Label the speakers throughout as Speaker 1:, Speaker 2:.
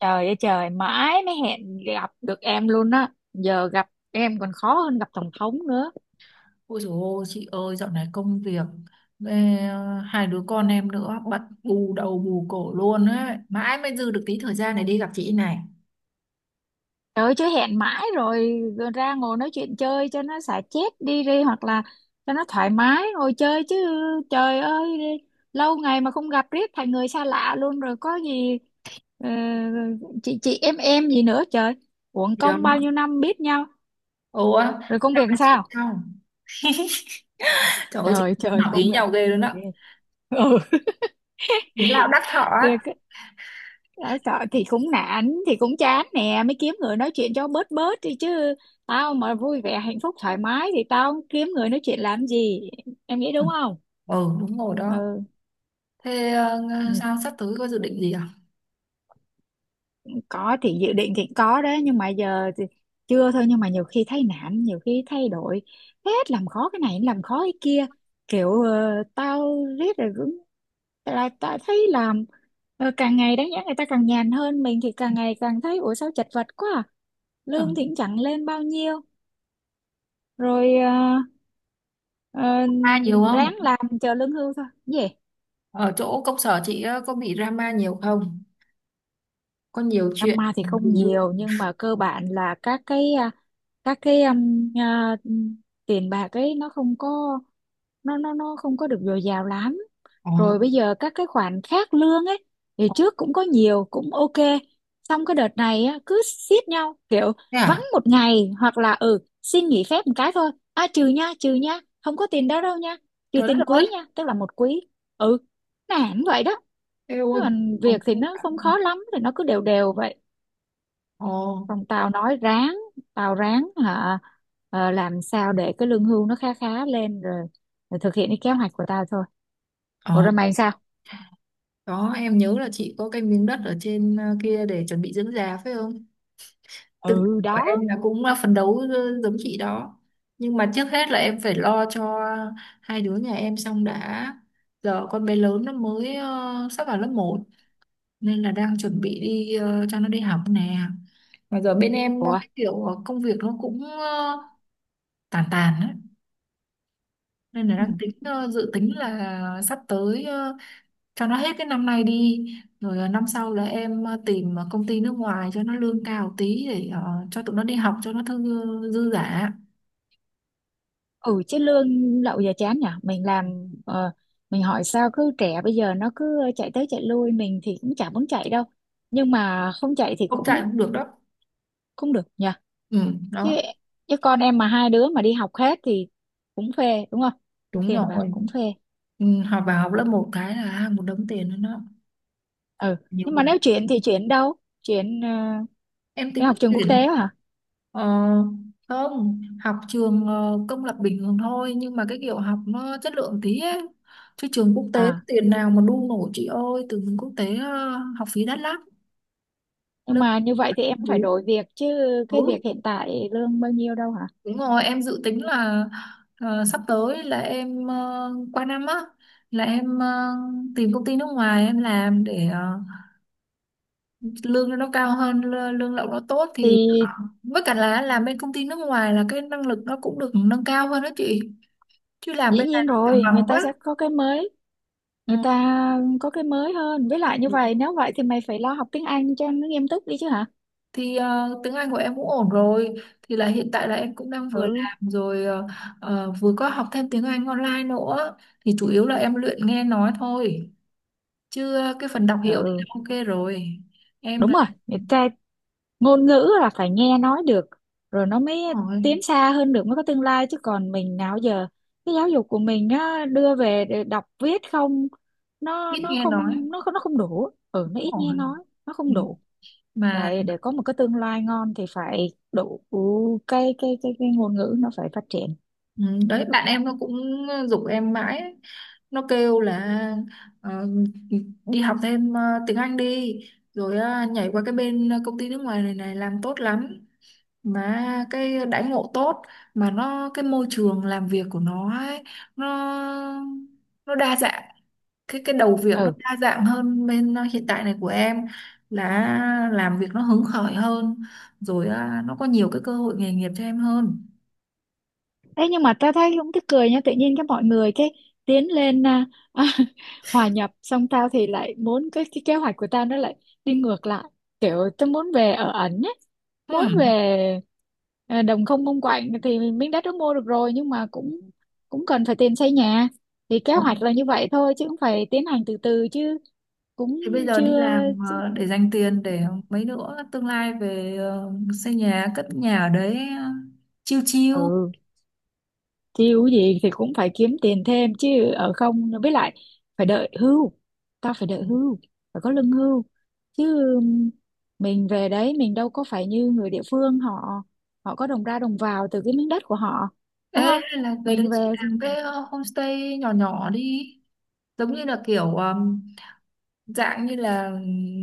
Speaker 1: Trời ơi trời, mãi mới hẹn gặp được em luôn á. Giờ gặp em còn khó hơn gặp tổng thống nữa.
Speaker 2: Ôi dồi ôi, chị ơi, dạo này công việc, ê, hai đứa con em nữa, bận bù đầu bù cổ luôn ấy. Mãi mới dư được tí thời gian này đi gặp chị này.
Speaker 1: Trời ơi, chứ hẹn mãi rồi, rồi ra ngồi nói chuyện chơi cho nó xả chết đi đi, hoặc là cho nó thoải mái ngồi chơi chứ. Trời ơi, lâu ngày mà không gặp riết thành người xa lạ luôn rồi, có gì ờ, chị em gì nữa trời. Uổng
Speaker 2: Thì đó.
Speaker 1: công bao nhiêu năm biết nhau.
Speaker 2: Ồ, á,
Speaker 1: Rồi công việc
Speaker 2: dạo
Speaker 1: làm
Speaker 2: này chị
Speaker 1: sao?
Speaker 2: sao? Trời ơi, chị
Speaker 1: Trời trời
Speaker 2: ngỏ
Speaker 1: công
Speaker 2: ý
Speaker 1: việc.
Speaker 2: nhau ghê luôn á.
Speaker 1: Ừ.
Speaker 2: Ý lão đắc thọ á.
Speaker 1: Việc tao sợ thì cũng nản, thì cũng chán nè, mới kiếm người nói chuyện cho bớt bớt đi chứ. Tao mà vui vẻ hạnh phúc thoải mái thì tao kiếm người nói chuyện làm gì, em nghĩ đúng không?
Speaker 2: Ừ, đúng rồi đó.
Speaker 1: Ừ,
Speaker 2: Thế
Speaker 1: ừ.
Speaker 2: sao sắp tới có dự định gì à?
Speaker 1: Có thì dự định thì có đấy, nhưng mà giờ thì chưa thôi. Nhưng mà nhiều khi thấy nản, nhiều khi thay đổi hết, làm khó cái này làm khó cái kia, kiểu tao riết rồi cũng là tao thấy làm, càng ngày đáng nhẽ người ta càng nhàn hơn, mình thì càng ngày càng thấy ủa sao chật vật quá à?
Speaker 2: Ừ.
Speaker 1: Lương thì cũng chẳng lên bao nhiêu, rồi ờ,
Speaker 2: Drama nhiều
Speaker 1: ráng
Speaker 2: không?
Speaker 1: làm chờ lương hưu thôi gì.
Speaker 2: Ở chỗ công sở chị có bị drama nhiều không? Có nhiều chuyện.
Speaker 1: Drama thì không
Speaker 2: Ừ.
Speaker 1: nhiều, nhưng mà cơ bản là các cái tiền bạc ấy nó không có, nó không có được dồi dào lắm.
Speaker 2: Ờ,
Speaker 1: Rồi bây giờ các cái khoản khác lương ấy, thì trước cũng có nhiều cũng ok, xong cái đợt này á, cứ xiết nhau kiểu
Speaker 2: thế
Speaker 1: vắng
Speaker 2: à?
Speaker 1: một ngày hoặc là xin nghỉ phép một cái thôi à, trừ nha, trừ nha, không có tiền đó đâu nha. Trừ
Speaker 2: Trời
Speaker 1: tiền
Speaker 2: đất ơi.
Speaker 1: quý nha, tức là một quý. Ừ, nản vậy đó.
Speaker 2: Ê
Speaker 1: Thế
Speaker 2: ôi,
Speaker 1: còn việc thì nó không khó lắm, thì nó cứ đều đều vậy, còn tao nói ráng, tao ráng hả, làm sao để cái lương hưu nó khá khá lên rồi, rồi thực hiện cái kế hoạch của tao thôi. Ủa
Speaker 2: ồ.
Speaker 1: rồi mày sao?
Speaker 2: Đó, em nhớ là chị có cái miếng đất ở trên kia để chuẩn bị dưỡng già phải không? Tư tưởng
Speaker 1: Ừ
Speaker 2: của
Speaker 1: đó.
Speaker 2: em là cũng là phấn đấu giống chị đó. Nhưng mà trước hết là em phải lo cho hai đứa nhà em xong đã. Giờ con bé lớn nó mới sắp vào lớp một nên là đang chuẩn bị đi cho nó đi học nè. Mà giờ bên em
Speaker 1: Ủa?
Speaker 2: cái kiểu công việc nó cũng tàn tàn á, nên là
Speaker 1: Ừ,
Speaker 2: đang tính dự tính là sắp tới cho nó hết cái năm nay đi rồi năm sau là em tìm công ty nước ngoài cho nó lương cao tí để cho tụi nó đi học cho nó thư dư giả.
Speaker 1: ừ chứ lương lậu giờ chán nhở. Mình hỏi sao cứ trẻ bây giờ nó cứ chạy tới chạy lui, mình thì cũng chả muốn chạy đâu. Nhưng mà không chạy thì
Speaker 2: Không chạy
Speaker 1: cũng
Speaker 2: cũng được đó.
Speaker 1: không được nhở.
Speaker 2: Ừ,
Speaker 1: Chứ
Speaker 2: đó.
Speaker 1: chứ con em mà hai đứa mà đi học hết thì cũng phê đúng không?
Speaker 2: Đúng
Speaker 1: Tiền bạc
Speaker 2: rồi.
Speaker 1: cũng phê.
Speaker 2: Ừ, học vào học lớp một cái là à, một đống tiền nữa, nó
Speaker 1: Ừ,
Speaker 2: nhiều
Speaker 1: nhưng mà
Speaker 2: quá.
Speaker 1: nếu chuyển thì chuyển đâu? Chuyển ờ,
Speaker 2: Em
Speaker 1: Để
Speaker 2: tính
Speaker 1: học trường quốc
Speaker 2: chuyển
Speaker 1: tế hả?
Speaker 2: ờ, không học trường công lập bình thường thôi, nhưng mà cái kiểu học nó chất lượng tí ấy. Chứ trường quốc tế
Speaker 1: À,
Speaker 2: tiền nào mà đu nổi chị ơi, từ trường quốc tế học phí đắt lắm.
Speaker 1: nhưng
Speaker 2: Lớp.
Speaker 1: mà như vậy thì em cũng phải đổi việc chứ, cái
Speaker 2: Ừ.
Speaker 1: việc hiện tại lương bao nhiêu đâu hả?
Speaker 2: Đúng rồi, em dự tính là sắp tới là em qua năm á, là em tìm công ty nước ngoài em làm để lương nó cao hơn, lương lậu nó tốt, thì
Speaker 1: Thì
Speaker 2: với cả là làm bên công ty nước ngoài là cái năng lực nó cũng được nâng cao hơn đó chị. Chứ làm
Speaker 1: dĩ
Speaker 2: bên này
Speaker 1: nhiên
Speaker 2: nó chẳng
Speaker 1: rồi, người
Speaker 2: bằng
Speaker 1: ta
Speaker 2: quá.
Speaker 1: sẽ có cái mới,
Speaker 2: Ừ.
Speaker 1: người ta có cái mới hơn. Với lại như vậy, nếu vậy thì mày phải lo học tiếng Anh cho nó nghiêm túc đi chứ hả?
Speaker 2: Thì tiếng Anh của em cũng ổn rồi, thì là hiện tại là em cũng đang vừa
Speaker 1: Ừ,
Speaker 2: làm rồi vừa có học thêm tiếng Anh online nữa, thì chủ yếu là em luyện nghe nói thôi. Chứ cái phần đọc hiểu thì đã
Speaker 1: ừ,
Speaker 2: ok rồi. Em
Speaker 1: đúng
Speaker 2: là
Speaker 1: rồi. Người
Speaker 2: đúng.
Speaker 1: ta ngôn ngữ là phải nghe nói được rồi nó mới tiến xa hơn được, mới có tương lai. Chứ còn mình nào giờ cái giáo dục của mình á, đưa về để đọc viết không, nó
Speaker 2: Ít
Speaker 1: nó
Speaker 2: nghe nói.
Speaker 1: không nó không nó không đủ. Ừ, nó ít nghe
Speaker 2: Đúng.
Speaker 1: nói, nó
Speaker 2: Ừ.
Speaker 1: không đủ.
Speaker 2: Mà
Speaker 1: Phải để có một cái tương lai ngon thì phải đủ cái ngôn ngữ, nó phải phát triển.
Speaker 2: ừ, đấy bạn em nó cũng giục em mãi ấy. Nó kêu là ờ, đi học thêm tiếng Anh đi, rồi nhảy qua cái bên công ty nước ngoài này này làm tốt lắm, mà cái đãi ngộ tốt, mà nó cái môi trường làm việc của nó ấy, nó nó đa dạng, cái đầu việc nó
Speaker 1: Ừ.
Speaker 2: đa dạng hơn bên hiện tại này của em, là làm việc nó hứng khởi hơn, rồi nó có nhiều cái cơ hội nghề nghiệp cho em hơn.
Speaker 1: Thế nhưng mà ta thấy cũng tức cười nha, tự nhiên cái mọi người cái tiến lên hòa nhập, xong tao thì lại muốn cái kế hoạch của tao nó lại đi ngược lại. Kiểu tao muốn về ở ẩn ấy, muốn
Speaker 2: Hmm.
Speaker 1: về đồng không mông quạnh. Thì miếng đất đó mua được rồi nhưng mà cũng cũng cần phải tiền xây nhà. Thì kế
Speaker 2: Ừ.
Speaker 1: hoạch là như vậy thôi, chứ cũng phải tiến hành từ từ chứ, cũng
Speaker 2: Thì bây giờ đi
Speaker 1: chưa.
Speaker 2: làm để dành tiền để mấy nữa tương lai về xây nhà cất nhà ở đấy chiêu chiêu.
Speaker 1: Ừ, chiêu gì thì cũng phải kiếm tiền thêm chứ, ở không với lại phải đợi hưu. Tao phải đợi hưu, phải có lương hưu chứ. Mình về đấy mình đâu có phải như người địa phương, họ họ có đồng ra đồng vào từ cái miếng đất của họ,
Speaker 2: Ê,
Speaker 1: đúng không?
Speaker 2: hay là về đấy
Speaker 1: Mình
Speaker 2: chị
Speaker 1: về thì
Speaker 2: làm cái homestay nhỏ nhỏ đi, giống như là kiểu dạng như là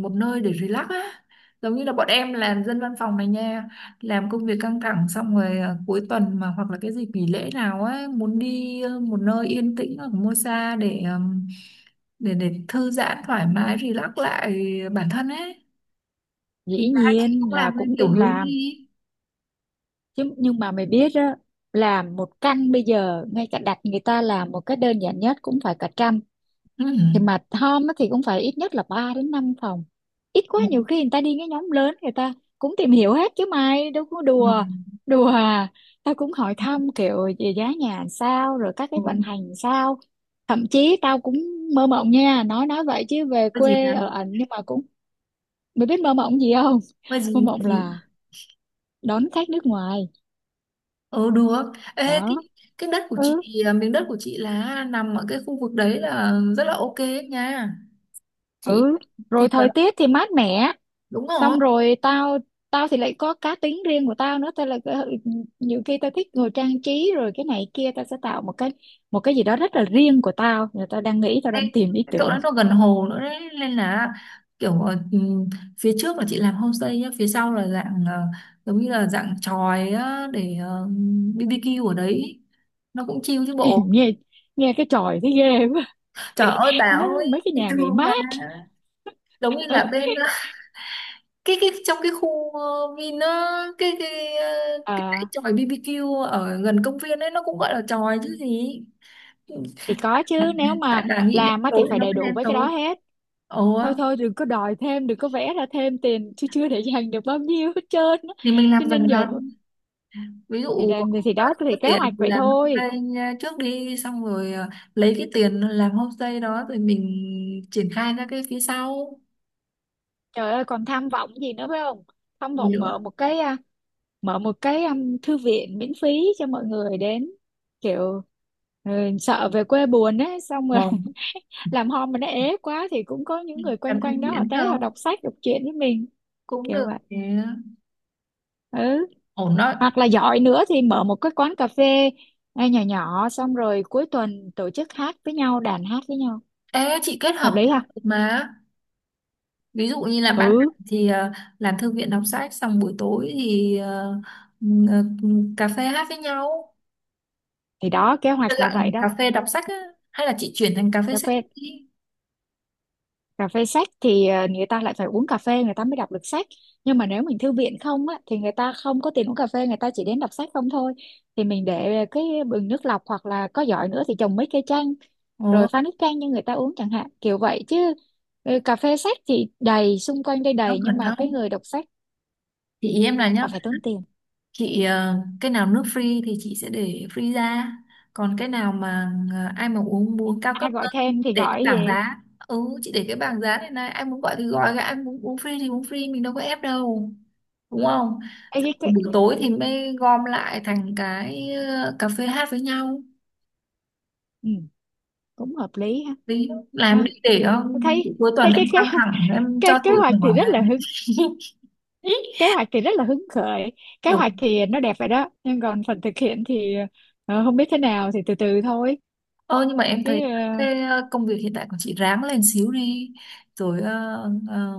Speaker 2: một nơi để relax á, giống như là bọn em làm dân văn phòng này nha, làm công việc căng thẳng xong rồi à, cuối tuần mà hoặc là cái dịp nghỉ lễ nào á muốn đi một nơi yên tĩnh ở mua xa để để thư giãn thoải mái relax lại bản thân ấy. Thì
Speaker 1: dĩ
Speaker 2: là hai chị
Speaker 1: nhiên
Speaker 2: cũng
Speaker 1: là
Speaker 2: làm cái
Speaker 1: cũng
Speaker 2: kiểu
Speaker 1: định
Speaker 2: hướng
Speaker 1: làm
Speaker 2: đi.
Speaker 1: chứ, nhưng mà mày biết á, làm một căn bây giờ ngay cả đặt người ta làm một cái đơn giản nhất cũng phải cả trăm.
Speaker 2: Ừ.
Speaker 1: Thì mà Tom á thì cũng phải ít nhất là 3 đến 5 phòng, ít quá
Speaker 2: Ừ.
Speaker 1: nhiều khi người ta đi cái nhóm lớn người ta cũng tìm hiểu hết chứ, mày đâu có đùa đùa à. Tao cũng hỏi thăm kiểu về giá nhà sao, rồi các cái
Speaker 2: Ừ.
Speaker 1: vận hành sao. Thậm chí tao cũng mơ mộng nha, nói vậy chứ về
Speaker 2: Mua gì là,
Speaker 1: quê ở ảnh, nhưng mà cũng mày biết mơ mộng gì không?
Speaker 2: mua
Speaker 1: Mơ
Speaker 2: gì mua
Speaker 1: mộng
Speaker 2: gì.
Speaker 1: là đón khách nước ngoài
Speaker 2: Ừ được. Ê,
Speaker 1: đó.
Speaker 2: cái đất của
Speaker 1: Ừ,
Speaker 2: chị miếng đất của chị là nằm ở cái khu vực đấy là rất là ok ấy nha chị.
Speaker 1: ừ,
Speaker 2: Thì
Speaker 1: rồi
Speaker 2: là
Speaker 1: thời tiết thì mát mẻ.
Speaker 2: đúng rồi.
Speaker 1: Xong rồi tao tao thì lại có cá tính riêng của tao nữa, tao là cái- nhiều khi tao thích ngồi trang trí rồi cái này kia, tao sẽ tạo một cái gì đó rất là riêng của tao. Rồi tao đang nghĩ, tao đang
Speaker 2: Đây,
Speaker 1: tìm ý
Speaker 2: cái chỗ
Speaker 1: tưởng.
Speaker 2: đó nó gần hồ nữa đấy, nên là kiểu phía trước là chị làm homestay nhá, phía sau là dạng giống như là dạng chòi á, để BBQ ở đấy, nó cũng chill chứ
Speaker 1: Thì
Speaker 2: bộ.
Speaker 1: nghe nghe cái chòi thấy ghê quá.
Speaker 2: Trời ơi bà
Speaker 1: Nó
Speaker 2: ơi.
Speaker 1: mấy cái nhà nghỉ
Speaker 2: Thương bà,
Speaker 1: mát
Speaker 2: giống như là bên cái trong cái khu Vin á, cái cái dãy
Speaker 1: à,
Speaker 2: chòi BBQ ở gần công viên ấy, nó cũng gọi là chòi chứ gì.
Speaker 1: thì có chứ, nếu
Speaker 2: Tại
Speaker 1: mà
Speaker 2: bà nghĩ đen
Speaker 1: làm á thì
Speaker 2: tối thì
Speaker 1: phải
Speaker 2: nó
Speaker 1: đầy
Speaker 2: mới
Speaker 1: đủ
Speaker 2: đen
Speaker 1: với cái đó
Speaker 2: tối.
Speaker 1: hết.
Speaker 2: Ồ,
Speaker 1: Thôi thôi đừng có đòi thêm, đừng có vẽ ra thêm tiền chứ, chưa để dành được bao nhiêu hết trơn á.
Speaker 2: thì mình làm
Speaker 1: Cho nên
Speaker 2: dần
Speaker 1: giờ
Speaker 2: dần, ví
Speaker 1: thì
Speaker 2: dụ
Speaker 1: là thì
Speaker 2: ờ,
Speaker 1: đó,
Speaker 2: có
Speaker 1: thì kế
Speaker 2: tiền
Speaker 1: hoạch
Speaker 2: thì
Speaker 1: vậy
Speaker 2: làm
Speaker 1: thôi.
Speaker 2: homestay nha, trước đi, xong rồi lấy cái tiền làm homestay đó rồi mình triển khai ra cái phía sau.
Speaker 1: Trời ơi còn tham vọng gì nữa phải không? Tham
Speaker 2: Gì
Speaker 1: vọng mở
Speaker 2: nữa.
Speaker 1: một cái à, mở một cái um, thư viện miễn phí cho mọi người đến, kiểu ừ, sợ về quê buồn ấy, xong rồi
Speaker 2: Ờ.
Speaker 1: làm home mà nó ế quá thì cũng có những
Speaker 2: Mình
Speaker 1: người
Speaker 2: làm
Speaker 1: quanh
Speaker 2: theo
Speaker 1: quanh đó họ
Speaker 2: miễn
Speaker 1: tới, họ
Speaker 2: không
Speaker 1: đọc sách đọc truyện với mình
Speaker 2: cũng
Speaker 1: kiểu
Speaker 2: được
Speaker 1: vậy.
Speaker 2: nhé.
Speaker 1: Ừ,
Speaker 2: Ổn đó.
Speaker 1: hoặc là giỏi nữa thì mở một cái quán cà phê ngay nhỏ nhỏ, xong rồi cuối tuần tổ chức hát với nhau, đàn hát với nhau.
Speaker 2: Ê, chị kết
Speaker 1: Hợp
Speaker 2: hợp
Speaker 1: lý
Speaker 2: theo
Speaker 1: ha.
Speaker 2: được mà, ví dụ như là ban
Speaker 1: Ừ,
Speaker 2: ngày thì làm thư viện đọc sách, xong buổi tối thì ừm, ờ, cà phê hát với nhau.
Speaker 1: thì đó kế
Speaker 2: Tức
Speaker 1: hoạch là
Speaker 2: là
Speaker 1: vậy
Speaker 2: cà
Speaker 1: đó.
Speaker 2: phê đọc sách á, hay là chị chuyển thành cà phê
Speaker 1: cà
Speaker 2: sách
Speaker 1: phê
Speaker 2: đi.
Speaker 1: Cà phê sách thì người ta lại phải uống cà phê người ta mới đọc được sách. Nhưng mà nếu mình thư viện không á, thì người ta không có tiền uống cà phê, người ta chỉ đến đọc sách không thôi. Thì mình để cái bình nước lọc, hoặc là có giỏi nữa thì trồng mấy cây chanh
Speaker 2: Ồ,
Speaker 1: rồi pha nước chanh cho người ta uống chẳng hạn, kiểu vậy chứ. Ừ, cà phê sách thì đầy xung quanh đây,
Speaker 2: nó
Speaker 1: đầy, nhưng
Speaker 2: gần
Speaker 1: mà cái
Speaker 2: đâu,
Speaker 1: người đọc sách
Speaker 2: thì ý em là nhá,
Speaker 1: họ phải tốn tiền.
Speaker 2: chị cái nào nước free thì chị sẽ để free ra, còn cái nào mà ai mà uống muốn cao cấp
Speaker 1: Ai gọi
Speaker 2: hơn
Speaker 1: thêm thì
Speaker 2: để cái
Speaker 1: gọi cái
Speaker 2: bảng
Speaker 1: gì.
Speaker 2: giá. Ừ, chị để cái bảng giá này này, ai muốn gọi thì gọi, ai muốn uống free thì uống free, mình đâu có ép đâu, đúng không.
Speaker 1: Ê,
Speaker 2: Xong
Speaker 1: cái...
Speaker 2: rồi buổi tối thì mới gom lại thành cái cà phê hát với nhau,
Speaker 1: Ừ, cũng hợp lý ha.
Speaker 2: đi làm
Speaker 1: À,
Speaker 2: đi để
Speaker 1: thấy
Speaker 2: cuối
Speaker 1: Thấy
Speaker 2: tuần
Speaker 1: cái
Speaker 2: em
Speaker 1: kế
Speaker 2: căng
Speaker 1: hoạch,
Speaker 2: thẳng em cho tụi mình
Speaker 1: thì rất
Speaker 2: làm.
Speaker 1: là hư. Kế hoạch thì rất là hứng khởi, kế
Speaker 2: Ừ.
Speaker 1: hoạch thì nó đẹp vậy đó, nhưng còn phần thực hiện thì không biết thế nào, thì từ từ thôi
Speaker 2: Ờ nhưng mà em
Speaker 1: chứ.
Speaker 2: thấy
Speaker 1: Ờ,
Speaker 2: cái công việc hiện tại của chị ráng lên xíu đi rồi ờ,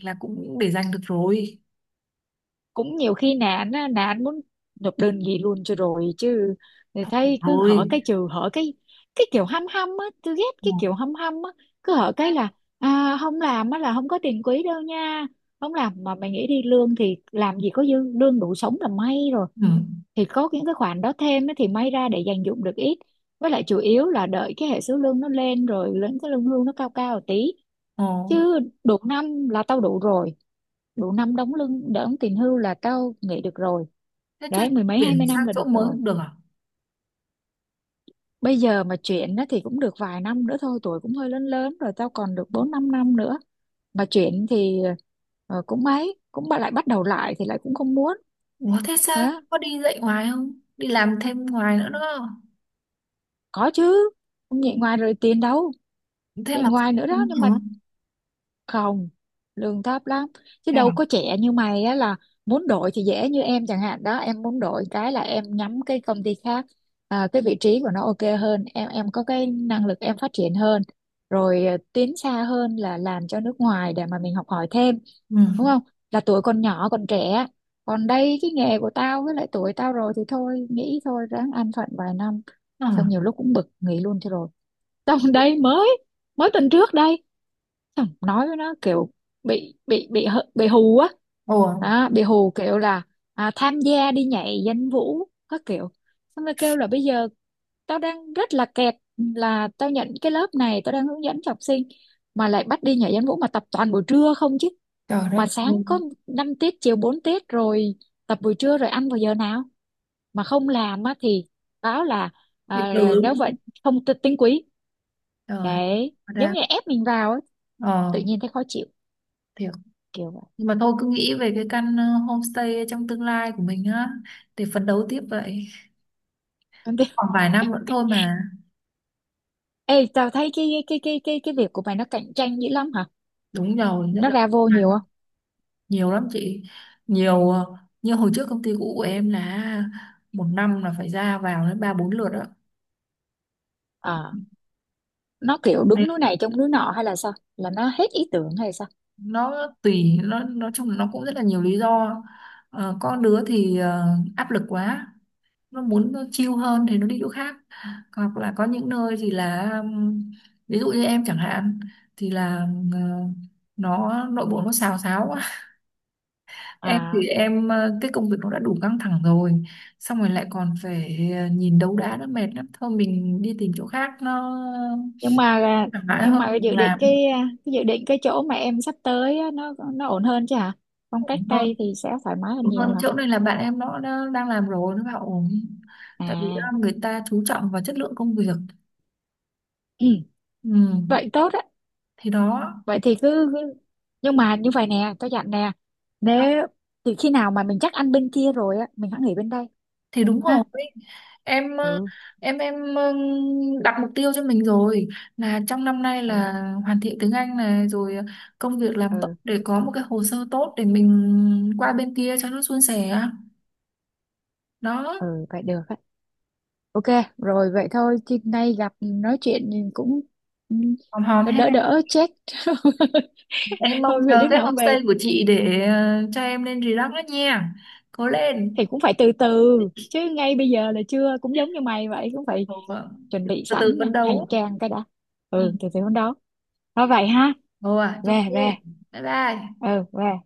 Speaker 2: là cũng để dành được rồi.
Speaker 1: Cũng nhiều khi nạn muốn nộp đơn gì luôn cho rồi chứ. Thì thấy cứ hỏi
Speaker 2: Rồi.
Speaker 1: cái trừ, hỏi cái kiểu hăm hăm á, tôi ghét
Speaker 2: Ừ.
Speaker 1: cái kiểu hăm hăm á, cứ hỏi cái là không làm á là không có tiền quỹ đâu nha. Không làm mà mày nghĩ đi, lương thì làm gì có dư, lương đủ sống là may rồi.
Speaker 2: Ừ.
Speaker 1: Thì có những cái khoản đó thêm á thì may ra để dành dụm được ít. Với lại chủ yếu là đợi cái hệ số lương nó lên rồi, lên cái lương hưu nó cao cao một tí,
Speaker 2: Ờ.
Speaker 1: chứ được năm là tao đủ rồi. Đủ năm đóng lương, đóng tiền hưu là tao nghỉ được rồi.
Speaker 2: Thế chứ
Speaker 1: Đấy, mười mấy hai
Speaker 2: chuyển
Speaker 1: mươi
Speaker 2: sang
Speaker 1: năm là
Speaker 2: chỗ
Speaker 1: được
Speaker 2: mới
Speaker 1: rồi.
Speaker 2: không được à.
Speaker 1: Bây giờ mà chuyển á thì cũng được vài năm nữa thôi, tuổi cũng hơi lớn lớn rồi, tao còn được bốn năm năm nữa. Mà chuyển thì cũng mấy cũng bà lại bắt đầu lại thì lại cũng không muốn.
Speaker 2: Ủa thế sao
Speaker 1: Đó,
Speaker 2: có đi dạy ngoài không, đi làm thêm ngoài nữa đó.
Speaker 1: có chứ, không dạy ngoài rồi tiền đâu.
Speaker 2: Thế
Speaker 1: Dạy
Speaker 2: mà vẫn
Speaker 1: ngoài nữa đó,
Speaker 2: đúng
Speaker 1: nhưng mà
Speaker 2: hả.
Speaker 1: không, lương thấp lắm. Chứ
Speaker 2: Thế
Speaker 1: đâu
Speaker 2: à.
Speaker 1: có trẻ như mày á, là muốn đổi thì dễ. Như em chẳng hạn đó, em muốn đổi cái là em nhắm cái công ty khác, cái vị trí của nó ok hơn, em có cái năng lực em phát triển hơn, rồi tiến xa hơn là làm cho nước ngoài để mà mình học hỏi thêm,
Speaker 2: Ừ.
Speaker 1: đúng không? Là tuổi còn nhỏ còn trẻ. Còn đây cái nghề của tao với lại tuổi tao rồi thì thôi nghĩ thôi, ráng an phận vài năm.
Speaker 2: Ờ.
Speaker 1: Xong nhiều lúc cũng bực nghỉ luôn cho rồi. Xong đây mới mới tuần trước đây. Xong nói với nó kiểu bị hù á.
Speaker 2: Ủa.
Speaker 1: Đó, bị hù kiểu là tham gia đi nhảy danh vũ các kiểu, xong rồi kêu là bây giờ tao đang rất là kẹt, là tao nhận cái lớp này tao đang hướng dẫn cho học sinh mà lại bắt đi nhảy danh vũ, mà tập toàn buổi trưa không chứ.
Speaker 2: Trời đất
Speaker 1: Mà
Speaker 2: ơi.
Speaker 1: sáng có 5 tiết, chiều 4 tiết rồi, tập buổi trưa rồi ăn vào giờ nào. Mà không làm á thì báo là
Speaker 2: Bị trừ đúng
Speaker 1: nếu vậy
Speaker 2: không?
Speaker 1: không tinh quý.
Speaker 2: Trời.
Speaker 1: Đấy giống
Speaker 2: Ra.
Speaker 1: như ép mình vào á, tự
Speaker 2: Ờ.
Speaker 1: nhiên thấy khó chịu,
Speaker 2: Thì.
Speaker 1: kiểu
Speaker 2: Nhưng mà thôi cứ nghĩ về cái căn homestay trong tương lai của mình á để phấn đấu tiếp vậy.
Speaker 1: vậy.
Speaker 2: Khoảng vài năm nữa thôi mà.
Speaker 1: Ê, tao thấy cái việc của mày nó cạnh tranh dữ lắm hả?
Speaker 2: Đúng rồi, rất
Speaker 1: Nó
Speaker 2: là
Speaker 1: ra vô nhiều không?
Speaker 2: nhiều lắm chị. Nhiều như hồi trước công ty cũ của em là một năm là phải ra vào đến ba bốn lượt đó.
Speaker 1: Ờ, nó kiểu đứng
Speaker 2: Nên
Speaker 1: núi này trông núi nọ hay là sao? Là nó hết ý tưởng hay sao?
Speaker 2: nó tùy, nó nói chung là nó cũng rất là nhiều lý do. Ờ, có đứa thì áp lực quá, nó muốn nó chill hơn thì nó đi chỗ khác, hoặc là có những nơi thì là ví dụ như em chẳng hạn thì là nó nội bộ nó xào xáo quá. Em thì
Speaker 1: À,
Speaker 2: em cái công việc nó đã đủ căng thẳng rồi, xong rồi lại còn phải nhìn đấu đá nó mệt lắm, thôi mình đi tìm chỗ khác nó
Speaker 1: nhưng mà
Speaker 2: thoải mái
Speaker 1: nhưng
Speaker 2: hơn.
Speaker 1: mà dự định
Speaker 2: Làm.
Speaker 1: cái dự định, cái chỗ mà em sắp tới á, nó ổn hơn chứ hả? Phong
Speaker 2: Ổn
Speaker 1: cách
Speaker 2: hơn.
Speaker 1: Tây thì sẽ thoải mái hơn
Speaker 2: Ổn
Speaker 1: nhiều
Speaker 2: hơn
Speaker 1: hả?
Speaker 2: chỗ này là bạn em nó đang làm rồi nó bảo ổn, tại vì
Speaker 1: À,
Speaker 2: người ta chú trọng vào chất lượng công việc.
Speaker 1: ừ,
Speaker 2: Ừ.
Speaker 1: vậy tốt á.
Speaker 2: Thì đó.
Speaker 1: Vậy thì cứ, nhưng mà như vậy nè, tao dặn nè. Nếu từ khi nào mà mình chắc ăn bên kia rồi á, mình hãy nghỉ bên đây
Speaker 2: Thì đúng
Speaker 1: ha.
Speaker 2: rồi, em ờ,
Speaker 1: Ừ.
Speaker 2: em đặt mục tiêu cho mình rồi, là trong năm nay
Speaker 1: Ừ.
Speaker 2: là hoàn thiện tiếng Anh này, rồi công việc làm tốt
Speaker 1: Ừ.
Speaker 2: để có một cái hồ sơ tốt để mình qua bên kia cho nó suôn sẻ. Đó.
Speaker 1: Ừ vậy được á. Ok, rồi vậy thôi chứ nay gặp nói chuyện thì cũng ừ,
Speaker 2: Hòm hòm
Speaker 1: nó
Speaker 2: ha.
Speaker 1: đỡ đỡ chết.
Speaker 2: Em mong
Speaker 1: Thôi vậy
Speaker 2: chờ
Speaker 1: đứa
Speaker 2: cái
Speaker 1: nào cũng về
Speaker 2: homestay của chị để cho em lên relax đó nha. Cố lên.
Speaker 1: thì cũng phải từ từ chứ, ngay bây giờ là chưa, cũng giống như mày vậy cũng phải
Speaker 2: Ồ, vâng.
Speaker 1: chuẩn bị
Speaker 2: Từ từ
Speaker 1: sẵn nè,
Speaker 2: phấn
Speaker 1: hành
Speaker 2: đấu.
Speaker 1: trang cái đã.
Speaker 2: Ừ.
Speaker 1: Ừ, từ từ hôm đó. Thôi vậy ha.
Speaker 2: Ồ, à,
Speaker 1: Về
Speaker 2: ok.
Speaker 1: về.
Speaker 2: Bye bye.
Speaker 1: Ừ về.